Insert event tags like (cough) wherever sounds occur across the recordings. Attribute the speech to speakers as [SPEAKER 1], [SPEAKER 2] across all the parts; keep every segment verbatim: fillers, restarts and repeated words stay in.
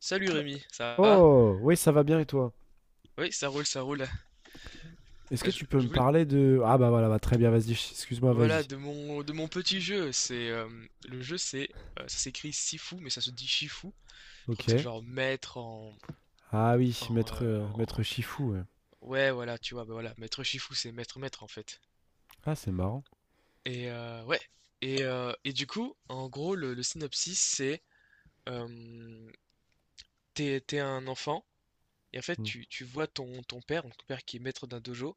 [SPEAKER 1] Salut Rémi, ça va?
[SPEAKER 2] Oh, oui, ça va bien et toi?
[SPEAKER 1] Oui, ça roule, ça roule.
[SPEAKER 2] Est-ce que
[SPEAKER 1] Euh, Je,
[SPEAKER 2] tu peux me
[SPEAKER 1] je voulais...
[SPEAKER 2] parler de... Ah bah voilà, bah, très bien, vas-y, ch- excuse-moi,
[SPEAKER 1] Voilà,
[SPEAKER 2] vas-y.
[SPEAKER 1] de mon, de mon petit jeu, c'est euh, le jeu, c'est euh, ça s'écrit Sifu mais ça se dit Shifu. Je crois
[SPEAKER 2] Ok.
[SPEAKER 1] que c'est genre maître en,
[SPEAKER 2] Ah oui,
[SPEAKER 1] en,
[SPEAKER 2] maître,
[SPEAKER 1] euh,
[SPEAKER 2] euh, maître
[SPEAKER 1] en-
[SPEAKER 2] Shifu, ouais.
[SPEAKER 1] Ouais, voilà, tu vois, bah voilà, maître Shifu, c'est maître maître en fait.
[SPEAKER 2] Ah, c'est marrant.
[SPEAKER 1] Et euh, ouais. Et, euh, et du coup, en gros, le, le synopsis, c'est euh, t'es, t'es un enfant et en fait
[SPEAKER 2] Mm.
[SPEAKER 1] tu, tu vois ton, ton père, donc ton père qui est maître d'un dojo.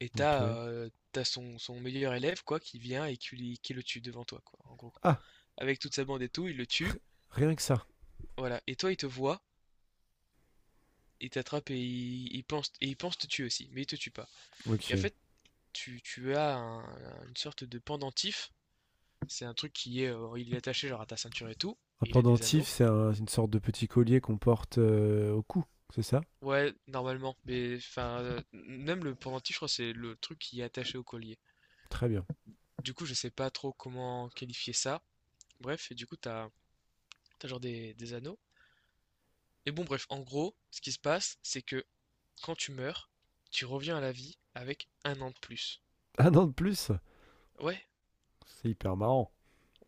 [SPEAKER 1] Et
[SPEAKER 2] Ok.
[SPEAKER 1] t'as euh, t'as son, son meilleur élève, quoi, qui vient et qui, lui- qui le tue devant toi, quoi, en gros.
[SPEAKER 2] Ah,
[SPEAKER 1] Avec toute sa bande et tout, il le tue.
[SPEAKER 2] rien que ça.
[SPEAKER 1] Voilà. Et toi, il te voit, il t'attrape et il, il pense, et il pense te tuer aussi, mais il te tue pas. Et en
[SPEAKER 2] Ok.
[SPEAKER 1] fait, tu, tu as un- une sorte de pendentif. C'est un truc qui est, euh, il est attaché genre à ta ceinture et tout.
[SPEAKER 2] Un
[SPEAKER 1] Et il a des
[SPEAKER 2] pendentif,
[SPEAKER 1] anneaux.
[SPEAKER 2] c'est un- une sorte de petit collier qu'on porte euh, au cou, c'est ça?
[SPEAKER 1] Ouais, normalement. Mais enfin, euh, même le pendentif, je crois, c'est le truc qui est attaché au collier.
[SPEAKER 2] Très bien.
[SPEAKER 1] Du coup, je sais pas trop comment qualifier ça. Bref, et du coup, t'as, t'as genre des, des anneaux. Et bon bref, en gros, ce qui se passe, c'est que quand tu meurs, tu reviens à la vie avec un an de plus.
[SPEAKER 2] Un an de plus?
[SPEAKER 1] Ouais,
[SPEAKER 2] C'est hyper marrant.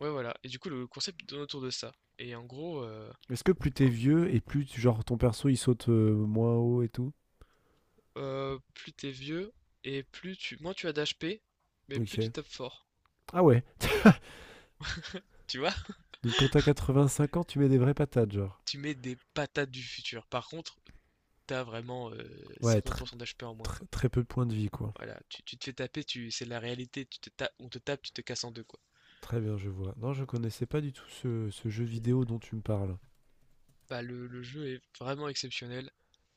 [SPEAKER 1] ouais, voilà. Et du coup, le concept tourne autour de ça. Et en gros, euh,
[SPEAKER 2] Est-ce que plus t'es
[SPEAKER 1] en-
[SPEAKER 2] vieux et plus, tu- genre, ton perso, il saute euh, moins haut et tout?
[SPEAKER 1] euh, plus t'es vieux et plus tu, moins tu as d'H P, mais plus tu
[SPEAKER 2] Ok.
[SPEAKER 1] tapes fort.
[SPEAKER 2] Ah ouais.
[SPEAKER 1] Tu vois?
[SPEAKER 2] Donc quand t'as quatre-vingt-cinq ans, tu mets des vraies patates, genre.
[SPEAKER 1] Tu mets des patates du futur. Par contre, t'as vraiment euh,
[SPEAKER 2] Ouais, tr-
[SPEAKER 1] cinquante pour cent d'H P en moins,
[SPEAKER 2] tr-
[SPEAKER 1] quoi.
[SPEAKER 2] très peu de points de vie, quoi.
[SPEAKER 1] Voilà, tu, tu te fais taper, tu, c'est la réalité. Tu te ta- on te tape, tu te casses en deux, quoi.
[SPEAKER 2] Très bien, je vois. Non, je connaissais pas du tout ce, ce jeu vidéo dont tu me parles.
[SPEAKER 1] Bah, le, le jeu est vraiment exceptionnel,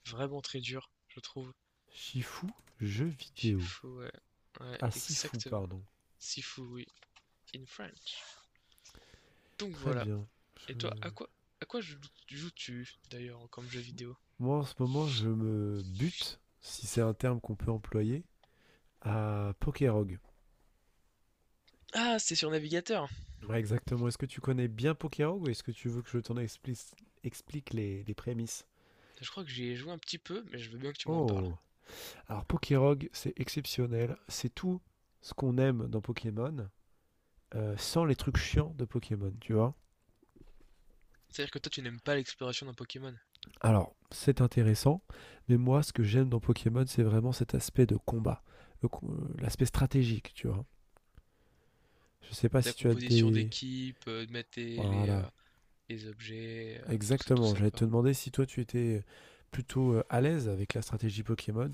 [SPEAKER 1] vraiment très dur, je trouve.
[SPEAKER 2] Shifu, jeu vidéo.
[SPEAKER 1] Shifu, ouais. Ouais,
[SPEAKER 2] Ah, Sifu,
[SPEAKER 1] exactement.
[SPEAKER 2] pardon.
[SPEAKER 1] Sifu, oui, in French. Donc
[SPEAKER 2] Très
[SPEAKER 1] voilà.
[SPEAKER 2] bien.
[SPEAKER 1] Et toi, à
[SPEAKER 2] Je-
[SPEAKER 1] quoi, à quoi joues-tu d'ailleurs comme jeu vidéo?
[SPEAKER 2] Moi, en ce moment, je me bute, si c'est un terme qu'on peut employer, à Pokerog.
[SPEAKER 1] Ah, c'est sur navigateur.
[SPEAKER 2] Ouais, exactement. Est-ce que tu connais bien Pokerog ou est-ce que tu veux que je t'en explique, explique les, les prémices?
[SPEAKER 1] Je crois que j'y ai joué un petit peu, mais je veux bien que tu m'en parles.
[SPEAKER 2] Oh. Alors, Pokerog, c'est exceptionnel. C'est tout ce qu'on aime dans Pokémon, euh, sans les trucs chiants de Pokémon, tu vois?
[SPEAKER 1] C'est-à-dire que toi, tu n'aimes pas l'exploration d'un Pokémon.
[SPEAKER 2] Alors, c'est intéressant, mais moi, ce que j'aime dans Pokémon, c'est vraiment cet aspect de combat, le co- euh, l'aspect stratégique, tu vois. Je sais pas
[SPEAKER 1] Ta
[SPEAKER 2] si tu as
[SPEAKER 1] composition
[SPEAKER 2] des...
[SPEAKER 1] d'équipe, euh, de mettre tes- les, euh,
[SPEAKER 2] Voilà,
[SPEAKER 1] les objets, euh, tout ça, tout
[SPEAKER 2] exactement.
[SPEAKER 1] ça,
[SPEAKER 2] J'allais
[SPEAKER 1] quoi.
[SPEAKER 2] te demander si toi, tu étais euh, plutôt euh, à l'aise avec la stratégie Pokémon.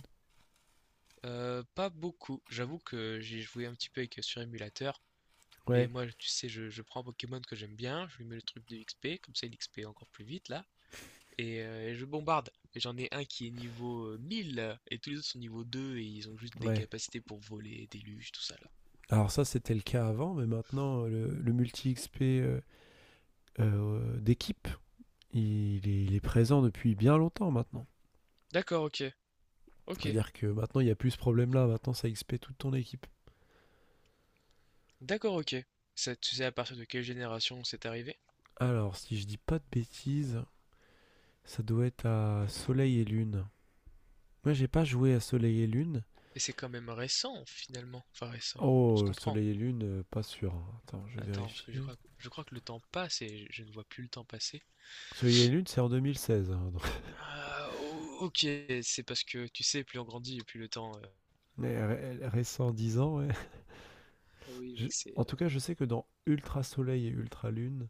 [SPEAKER 1] Euh, pas beaucoup. J'avoue que j'ai joué un petit peu avec, euh, sur émulateur. Mais
[SPEAKER 2] Ouais,
[SPEAKER 1] moi, tu sais, je, je prends un Pokémon que j'aime bien, je lui mets le truc de X P, comme ça il X P encore plus vite là. et, euh, et je bombarde. Et j'en ai un qui est niveau euh, mille et tous les autres sont niveau deux et ils ont juste des
[SPEAKER 2] ouais.
[SPEAKER 1] capacités pour voler, déluge, tout ça là.
[SPEAKER 2] Alors ça, c'était le cas avant, mais maintenant, euh, le, le multi-X P euh, euh, d'équipe, il est, il est présent depuis bien longtemps maintenant.
[SPEAKER 1] D'accord, ok, ok,
[SPEAKER 2] C'est-à-dire que maintenant, il n'y a plus ce problème-là. Maintenant, ça X P toute ton équipe.
[SPEAKER 1] d'accord, ok. Ça, tu sais à partir de quelle génération c'est arrivé?
[SPEAKER 2] Alors, si je dis pas de bêtises, ça doit être à Soleil et Lune. Moi, j'ai pas joué à Soleil et Lune.
[SPEAKER 1] Et c'est quand même récent finalement. Enfin récent, on se
[SPEAKER 2] Oh,
[SPEAKER 1] comprend.
[SPEAKER 2] Soleil et Lune, euh, pas sûr, hein. Attends, je vais
[SPEAKER 1] Attends, parce que je
[SPEAKER 2] vérifier.
[SPEAKER 1] crois je crois que le temps passe et je, je ne vois plus le temps passer.
[SPEAKER 2] Soleil et Lune, c'est en deux mille seize, hein, donc-
[SPEAKER 1] Ah, ok, c'est parce que tu sais, plus on grandit et plus le temps. euh,
[SPEAKER 2] (laughs) Mais ré- récent, dix ans, ouais. (laughs)
[SPEAKER 1] Ah oui,
[SPEAKER 2] Je-
[SPEAKER 1] mec, c'est.
[SPEAKER 2] En tout
[SPEAKER 1] euh,
[SPEAKER 2] cas, je sais que dans Ultra Soleil et Ultra Lune,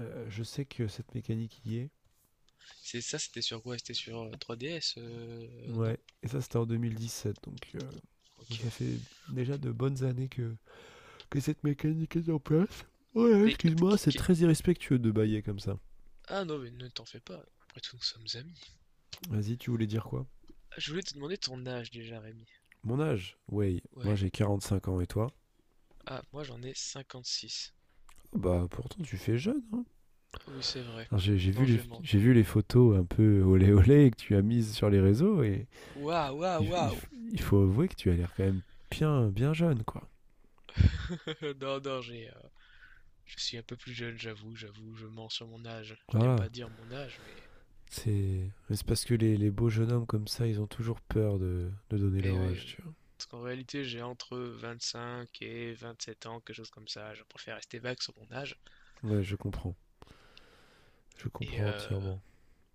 [SPEAKER 2] euh, je sais que cette mécanique y est.
[SPEAKER 1] C'est ça, c'était sur quoi? C'était sur euh, trois D S, euh, non?
[SPEAKER 2] Ouais, et ça, c'était en deux mille dix-sept. Donc, euh,
[SPEAKER 1] Ok.
[SPEAKER 2] ça fait déjà de bonnes années que, que cette mécanique est en place. Ouais,
[SPEAKER 1] Mais
[SPEAKER 2] excuse-moi, c'est très irrespectueux de bailler comme ça.
[SPEAKER 1] Ah non, mais ne t'en fais pas. Après tout, nous sommes amis.
[SPEAKER 2] Vas-y, tu voulais dire quoi?
[SPEAKER 1] Ah, Je voulais te demander ton âge déjà, Rémi.
[SPEAKER 2] Mon âge? Oui, moi
[SPEAKER 1] Ouais.
[SPEAKER 2] j'ai quarante-cinq ans et toi?
[SPEAKER 1] Ah, moi j'en ai cinquante-six.
[SPEAKER 2] Ah bah pourtant tu fais jeune, hein.
[SPEAKER 1] Ah, Oui, c'est vrai.
[SPEAKER 2] Alors, j'ai j'ai
[SPEAKER 1] Non,
[SPEAKER 2] vu, les-
[SPEAKER 1] je mens.
[SPEAKER 2] j'ai vu les photos un peu olé olé que tu as mises sur les réseaux et
[SPEAKER 1] Waouh, waouh,
[SPEAKER 2] il, il
[SPEAKER 1] waouh!
[SPEAKER 2] f- il faut avouer que tu as l'air quand même bien, bien jeune quoi.
[SPEAKER 1] (laughs) Non, non, j'ai, euh, je suis un peu plus jeune, j'avoue, j'avoue, je mens sur mon âge. Je n'aime
[SPEAKER 2] Voilà,
[SPEAKER 1] pas dire mon âge, mais.
[SPEAKER 2] c'est mais c'est parce que les, les beaux jeunes hommes comme ça ils ont toujours peur de, de donner
[SPEAKER 1] Mais
[SPEAKER 2] leur
[SPEAKER 1] oui.
[SPEAKER 2] âge,
[SPEAKER 1] euh,
[SPEAKER 2] tu vois.
[SPEAKER 1] Parce qu'en réalité, j'ai entre vingt cinq et vingt sept ans, quelque chose comme ça. Je préfère rester vague sur mon âge.
[SPEAKER 2] Ouais, je comprends, je
[SPEAKER 1] Et,
[SPEAKER 2] comprends
[SPEAKER 1] euh,
[SPEAKER 2] entièrement.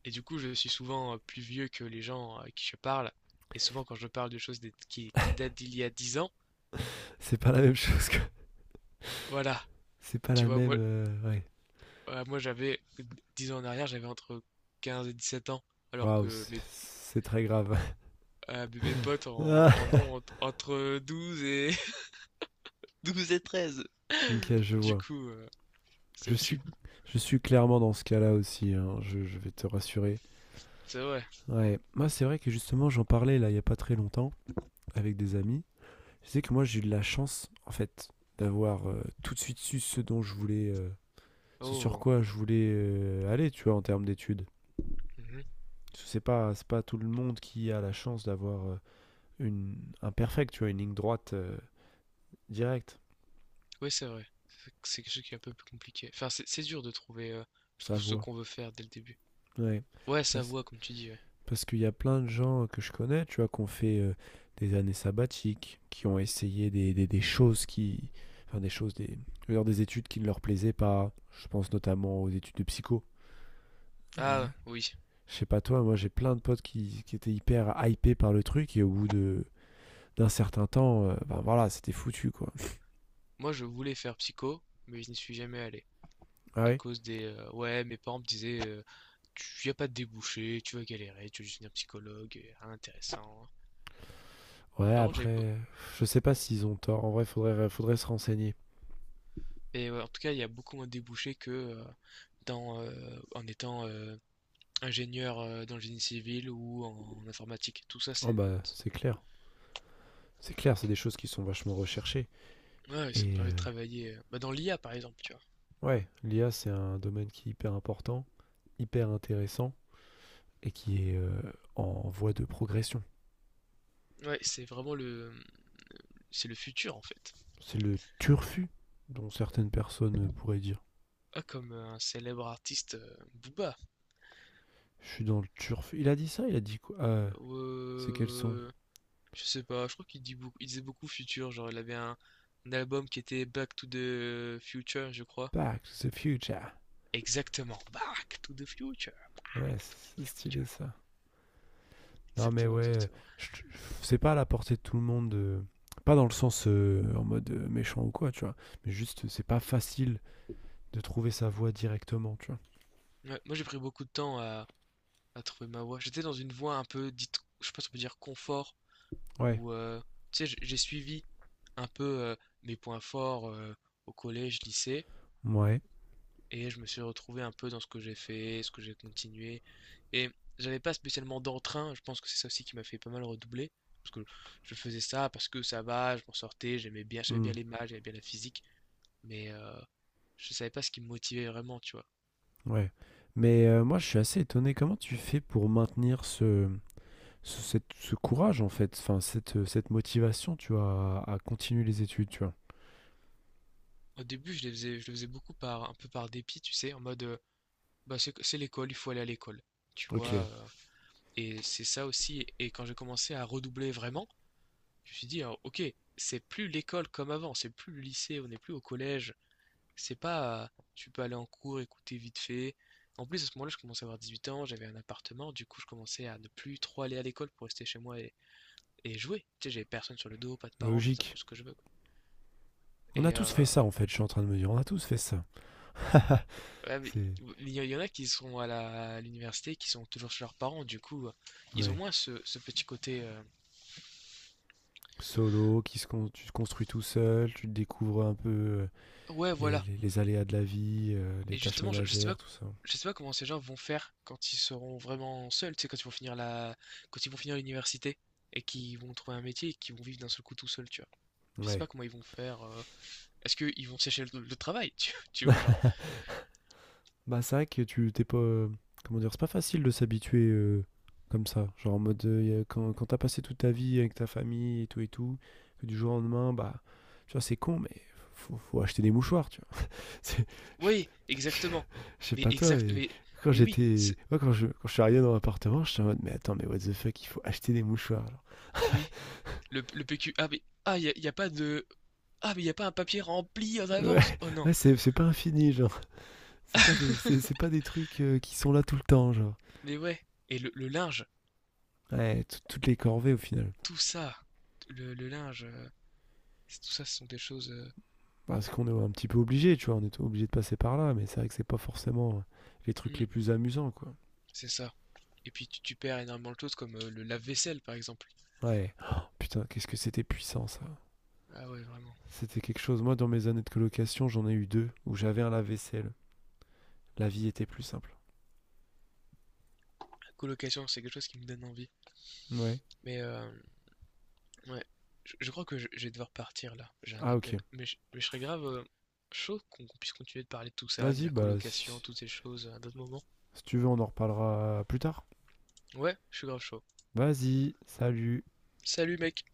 [SPEAKER 1] et du coup, je suis souvent euh, plus vieux que les gens euh, à qui je parle. Et souvent, quand je parle de choses des- qui, qui datent d'il y a dix ans.
[SPEAKER 2] C'est pas la même chose que...
[SPEAKER 1] Voilà,
[SPEAKER 2] C'est pas
[SPEAKER 1] tu
[SPEAKER 2] la
[SPEAKER 1] vois,
[SPEAKER 2] même...
[SPEAKER 1] moi,
[SPEAKER 2] euh, Ouais.
[SPEAKER 1] voilà, moi j'avais dix ans en arrière, j'avais entre quinze et dix-sept ans, alors
[SPEAKER 2] Waouh,
[SPEAKER 1] que
[SPEAKER 2] c'est
[SPEAKER 1] mes,
[SPEAKER 2] c'est très grave.
[SPEAKER 1] ah, mes potes en,
[SPEAKER 2] (laughs)
[SPEAKER 1] en
[SPEAKER 2] Ah,
[SPEAKER 1] ont entre, entre douze et (laughs) douze et treize.
[SPEAKER 2] ok, je
[SPEAKER 1] Du
[SPEAKER 2] vois.
[SPEAKER 1] coup, euh, c'est
[SPEAKER 2] Je
[SPEAKER 1] aussi,
[SPEAKER 2] suis, je suis clairement dans ce cas-là aussi, hein, je, je vais te rassurer.
[SPEAKER 1] c'est vrai.
[SPEAKER 2] Ouais, moi c'est vrai que justement j'en parlais là il n'y a pas très longtemps avec des amis. Je sais que moi j'ai eu de la chance en fait d'avoir euh, tout de suite su ce dont je voulais, euh, ce sur
[SPEAKER 1] Oh,
[SPEAKER 2] quoi je voulais euh, aller, tu vois, en termes d'études.
[SPEAKER 1] mhm.
[SPEAKER 2] Parce que c'est pas, c'est pas tout le monde qui a la chance d'avoir euh, une, un perfect, tu vois, une ligne droite euh, directe,
[SPEAKER 1] Oui, c'est vrai. C'est c'est quelque chose qui est un peu plus compliqué. Enfin, c'est c'est dur de trouver, euh, je
[SPEAKER 2] sa
[SPEAKER 1] trouve, ce
[SPEAKER 2] voie.
[SPEAKER 1] qu'on veut faire dès le début.
[SPEAKER 2] Ouais.
[SPEAKER 1] Ouais, sa
[SPEAKER 2] Parce-
[SPEAKER 1] voix, comme tu dis. Ouais.
[SPEAKER 2] Parce qu'il y a plein de gens que je connais, tu vois, qui ont fait euh, des années sabbatiques, qui ont essayé des, des- des choses qui. Enfin, des choses, des, je veux dire, des études qui ne leur plaisaient pas. Je pense notamment aux études de psycho. Euh,
[SPEAKER 1] Ah, oui.
[SPEAKER 2] je sais pas toi, moi j'ai plein de potes qui, qui étaient hyper hypés par le truc et au bout de d'un certain temps, euh, ben voilà, c'était foutu quoi.
[SPEAKER 1] Moi, je voulais faire psycho, mais je n'y suis jamais allé,
[SPEAKER 2] Ah
[SPEAKER 1] à
[SPEAKER 2] oui.
[SPEAKER 1] cause des euh, ouais, mes parents me disaient euh, tu y a pas de débouché, tu vas galérer, tu vas juste devenir psychologue, et rien d'intéressant.
[SPEAKER 2] Ouais,
[SPEAKER 1] Par contre, j'avais beau-
[SPEAKER 2] après, je sais pas s'ils ont tort. En vrai, faudrait, faudrait se renseigner.
[SPEAKER 1] Et ouais, en tout cas, il y a beaucoup moins de débouchés que euh, dans euh, en étant euh, ingénieur euh, dans le génie civil ou en, en informatique. Tout ça,
[SPEAKER 2] Oh
[SPEAKER 1] c'est
[SPEAKER 2] bah, c'est clair. C'est clair, c'est des choses qui sont vachement recherchées.
[SPEAKER 1] ouais, ça me
[SPEAKER 2] Et euh,
[SPEAKER 1] permet de travailler euh, bah, dans l'I A par exemple, tu vois.
[SPEAKER 2] ouais, l'I A, c'est un domaine qui est hyper important, hyper intéressant et qui est euh, en voie de progression.
[SPEAKER 1] Ouais, c'est vraiment le c'est le futur en fait.
[SPEAKER 2] C'est le turfu dont certaines personnes euh, pourraient dire.
[SPEAKER 1] Ah, comme euh, un célèbre artiste euh, Booba.
[SPEAKER 2] Je suis dans le turfu. Il a dit ça, il a dit quoi? Euh, C'est quel son?
[SPEAKER 1] Euh, Je sais pas, je crois qu'il dit beaucoup, il disait beaucoup futur, genre il avait un, un album qui était Back to the Future, je crois.
[SPEAKER 2] Back to the future.
[SPEAKER 1] Exactement, Back to the Future,
[SPEAKER 2] Ouais,
[SPEAKER 1] Back to the
[SPEAKER 2] c'est c'est stylé
[SPEAKER 1] Future.
[SPEAKER 2] ça. Non mais
[SPEAKER 1] Exactement,
[SPEAKER 2] ouais, euh,
[SPEAKER 1] exactement.
[SPEAKER 2] je- je- c'est pas à la portée de tout le monde. euh, Pas dans le sens euh, en mode euh, méchant ou quoi, tu vois. Mais juste, c'est pas facile de trouver sa voie directement, tu vois.
[SPEAKER 1] Ouais, moi j'ai pris beaucoup de temps à, à trouver ma voix. J'étais dans une voie un peu dite, je sais pas si on peut dire confort,
[SPEAKER 2] Ouais.
[SPEAKER 1] où euh, tu sais, j'ai j'ai suivi un peu euh, mes points forts euh, au collège, lycée.
[SPEAKER 2] Ouais.
[SPEAKER 1] Et je me suis retrouvé un peu dans ce que j'ai fait, ce que j'ai continué. Et j'avais pas spécialement d'entrain, je pense que c'est ça aussi qui m'a fait pas mal redoubler. Parce que je faisais ça parce que ça va, je m'en sortais, j'aimais bien, j'aimais
[SPEAKER 2] Hmm.
[SPEAKER 1] bien les maths, j'aimais bien la physique. Mais euh, je savais pas ce qui me motivait vraiment, tu vois.
[SPEAKER 2] Ouais, mais heu, moi, je suis assez étonné. Comment tu fais pour maintenir ce ce cette ce courage, en fait? Enfin, cette, euh, cette motivation, tu vois, à à continuer les études, tu vois?
[SPEAKER 1] Au début, je les faisais, je le faisais beaucoup par, un peu par dépit, tu sais, en mode, euh, bah c'est c'est l'école, il faut aller à l'école, tu vois.
[SPEAKER 2] OK,
[SPEAKER 1] Euh, et c'est ça aussi. Et quand j'ai commencé à redoubler vraiment, Je me suis dit, hein, ok, c'est plus l'école comme avant, c'est plus le lycée, on n'est plus au collège. C'est pas, euh, tu peux aller en cours, écouter vite fait. En plus, à ce moment-là, je commençais à avoir dix-huit ans, j'avais un appartement, du coup, je commençais à ne plus trop aller à l'école pour rester chez moi et, et jouer. Tu sais, j'avais personne sur le dos, pas de parents, je faisais un
[SPEAKER 2] logique.
[SPEAKER 1] peu ce que je veux, quoi.
[SPEAKER 2] On a
[SPEAKER 1] Et
[SPEAKER 2] tous
[SPEAKER 1] euh,
[SPEAKER 2] fait ça, en fait, je suis en train de me dire. On a tous fait ça.
[SPEAKER 1] ouais, mais
[SPEAKER 2] C'est
[SPEAKER 1] il y, y en a qui sont à la- à l'université, qui sont toujours chez leurs parents, du coup, euh, ils ont
[SPEAKER 2] Ouais,
[SPEAKER 1] moins ce, ce petit côté, euh,
[SPEAKER 2] solo, qui se con tu te construis tout seul, tu découvres un peu, heu,
[SPEAKER 1] ouais,
[SPEAKER 2] les
[SPEAKER 1] voilà.
[SPEAKER 2] les les aléas de la vie, heu, les
[SPEAKER 1] Et
[SPEAKER 2] tâches
[SPEAKER 1] justement, je, je sais pas,
[SPEAKER 2] ménagères, tout ça.
[SPEAKER 1] je sais pas comment ces gens vont faire quand ils seront vraiment seuls, tu sais, quand ils vont finir la, quand ils vont finir l'université et qu'ils vont trouver un métier et qu'ils vont vivre d'un seul coup tout seuls, tu vois. Je sais
[SPEAKER 2] Ouais.
[SPEAKER 1] pas comment ils vont faire. euh, Est-ce qu'ils vont sécher le, le travail, (laughs) tu, tu vois, genre.
[SPEAKER 2] Bah, c'est vrai que tu t'es pas. euh, Comment dire, c'est pas facile de s'habituer euh, comme ça. Genre en mode, euh, y a- quand, quand t'as passé toute ta vie avec ta famille et tout et tout, que du jour au lendemain, bah, tu vois, c'est con, mais faut, faut acheter des mouchoirs, tu vois. (laughs) C'est- Je,
[SPEAKER 1] Oui,
[SPEAKER 2] je-
[SPEAKER 1] exactement.
[SPEAKER 2] je sais
[SPEAKER 1] Mais
[SPEAKER 2] pas toi,
[SPEAKER 1] exact,
[SPEAKER 2] et
[SPEAKER 1] mais,
[SPEAKER 2] quand
[SPEAKER 1] mais oui,
[SPEAKER 2] j'étais.
[SPEAKER 1] c'est-
[SPEAKER 2] Moi, quand je, quand je suis arrivé dans l'appartement, j'étais en mode, mais attends, mais what the fuck, il faut acheter des mouchoirs, genre.
[SPEAKER 1] oui. Le, le P Q. Ah mais ah, y a, y a pas de. Ah mais y a pas un papier rempli en
[SPEAKER 2] Ouais,
[SPEAKER 1] avance. Oh
[SPEAKER 2] (laughs)
[SPEAKER 1] non.
[SPEAKER 2] ouais, c'est c'est pas infini, genre. C'est pas des, c'est c'est
[SPEAKER 1] (laughs)
[SPEAKER 2] pas des trucs euh, qui sont là tout le temps, genre.
[SPEAKER 1] Mais ouais. Et le, le linge,
[SPEAKER 2] Ouais, tout- toutes les corvées au final.
[SPEAKER 1] tout ça, le, le linge, euh, tout ça, ce sont des choses. Euh,
[SPEAKER 2] Parce qu'on est un petit peu obligé, tu vois, on est obligé de passer par là, mais c'est vrai que c'est pas forcément euh, les trucs
[SPEAKER 1] hmm.
[SPEAKER 2] les plus amusants, quoi.
[SPEAKER 1] C'est ça. Et puis tu, tu perds énormément de choses comme euh, le lave-vaisselle par exemple.
[SPEAKER 2] Ouais. Oh, putain, qu'est-ce que c'était puissant, ça.
[SPEAKER 1] Ah ouais, vraiment.
[SPEAKER 2] C'était quelque chose. Moi, dans mes années de colocation, j'en ai eu deux où j'avais un lave-vaisselle. La vie était plus simple.
[SPEAKER 1] La colocation, c'est quelque chose qui me donne envie.
[SPEAKER 2] Ouais.
[SPEAKER 1] Mais euh, ouais, je, je crois que je, je vais devoir partir là. J'ai un
[SPEAKER 2] Ah,
[SPEAKER 1] appel.
[SPEAKER 2] ok.
[SPEAKER 1] Mais je, mais je serais grave euh, chaud qu'on qu'on puisse continuer de parler de tout ça, de
[SPEAKER 2] Vas-y,
[SPEAKER 1] la
[SPEAKER 2] bah, si,
[SPEAKER 1] colocation,
[SPEAKER 2] si
[SPEAKER 1] toutes ces choses à d'autres moments.
[SPEAKER 2] si tu veux, on en reparlera plus tard.
[SPEAKER 1] Ouais, je suis grave chaud.
[SPEAKER 2] Vas-y, salut.
[SPEAKER 1] Salut mec!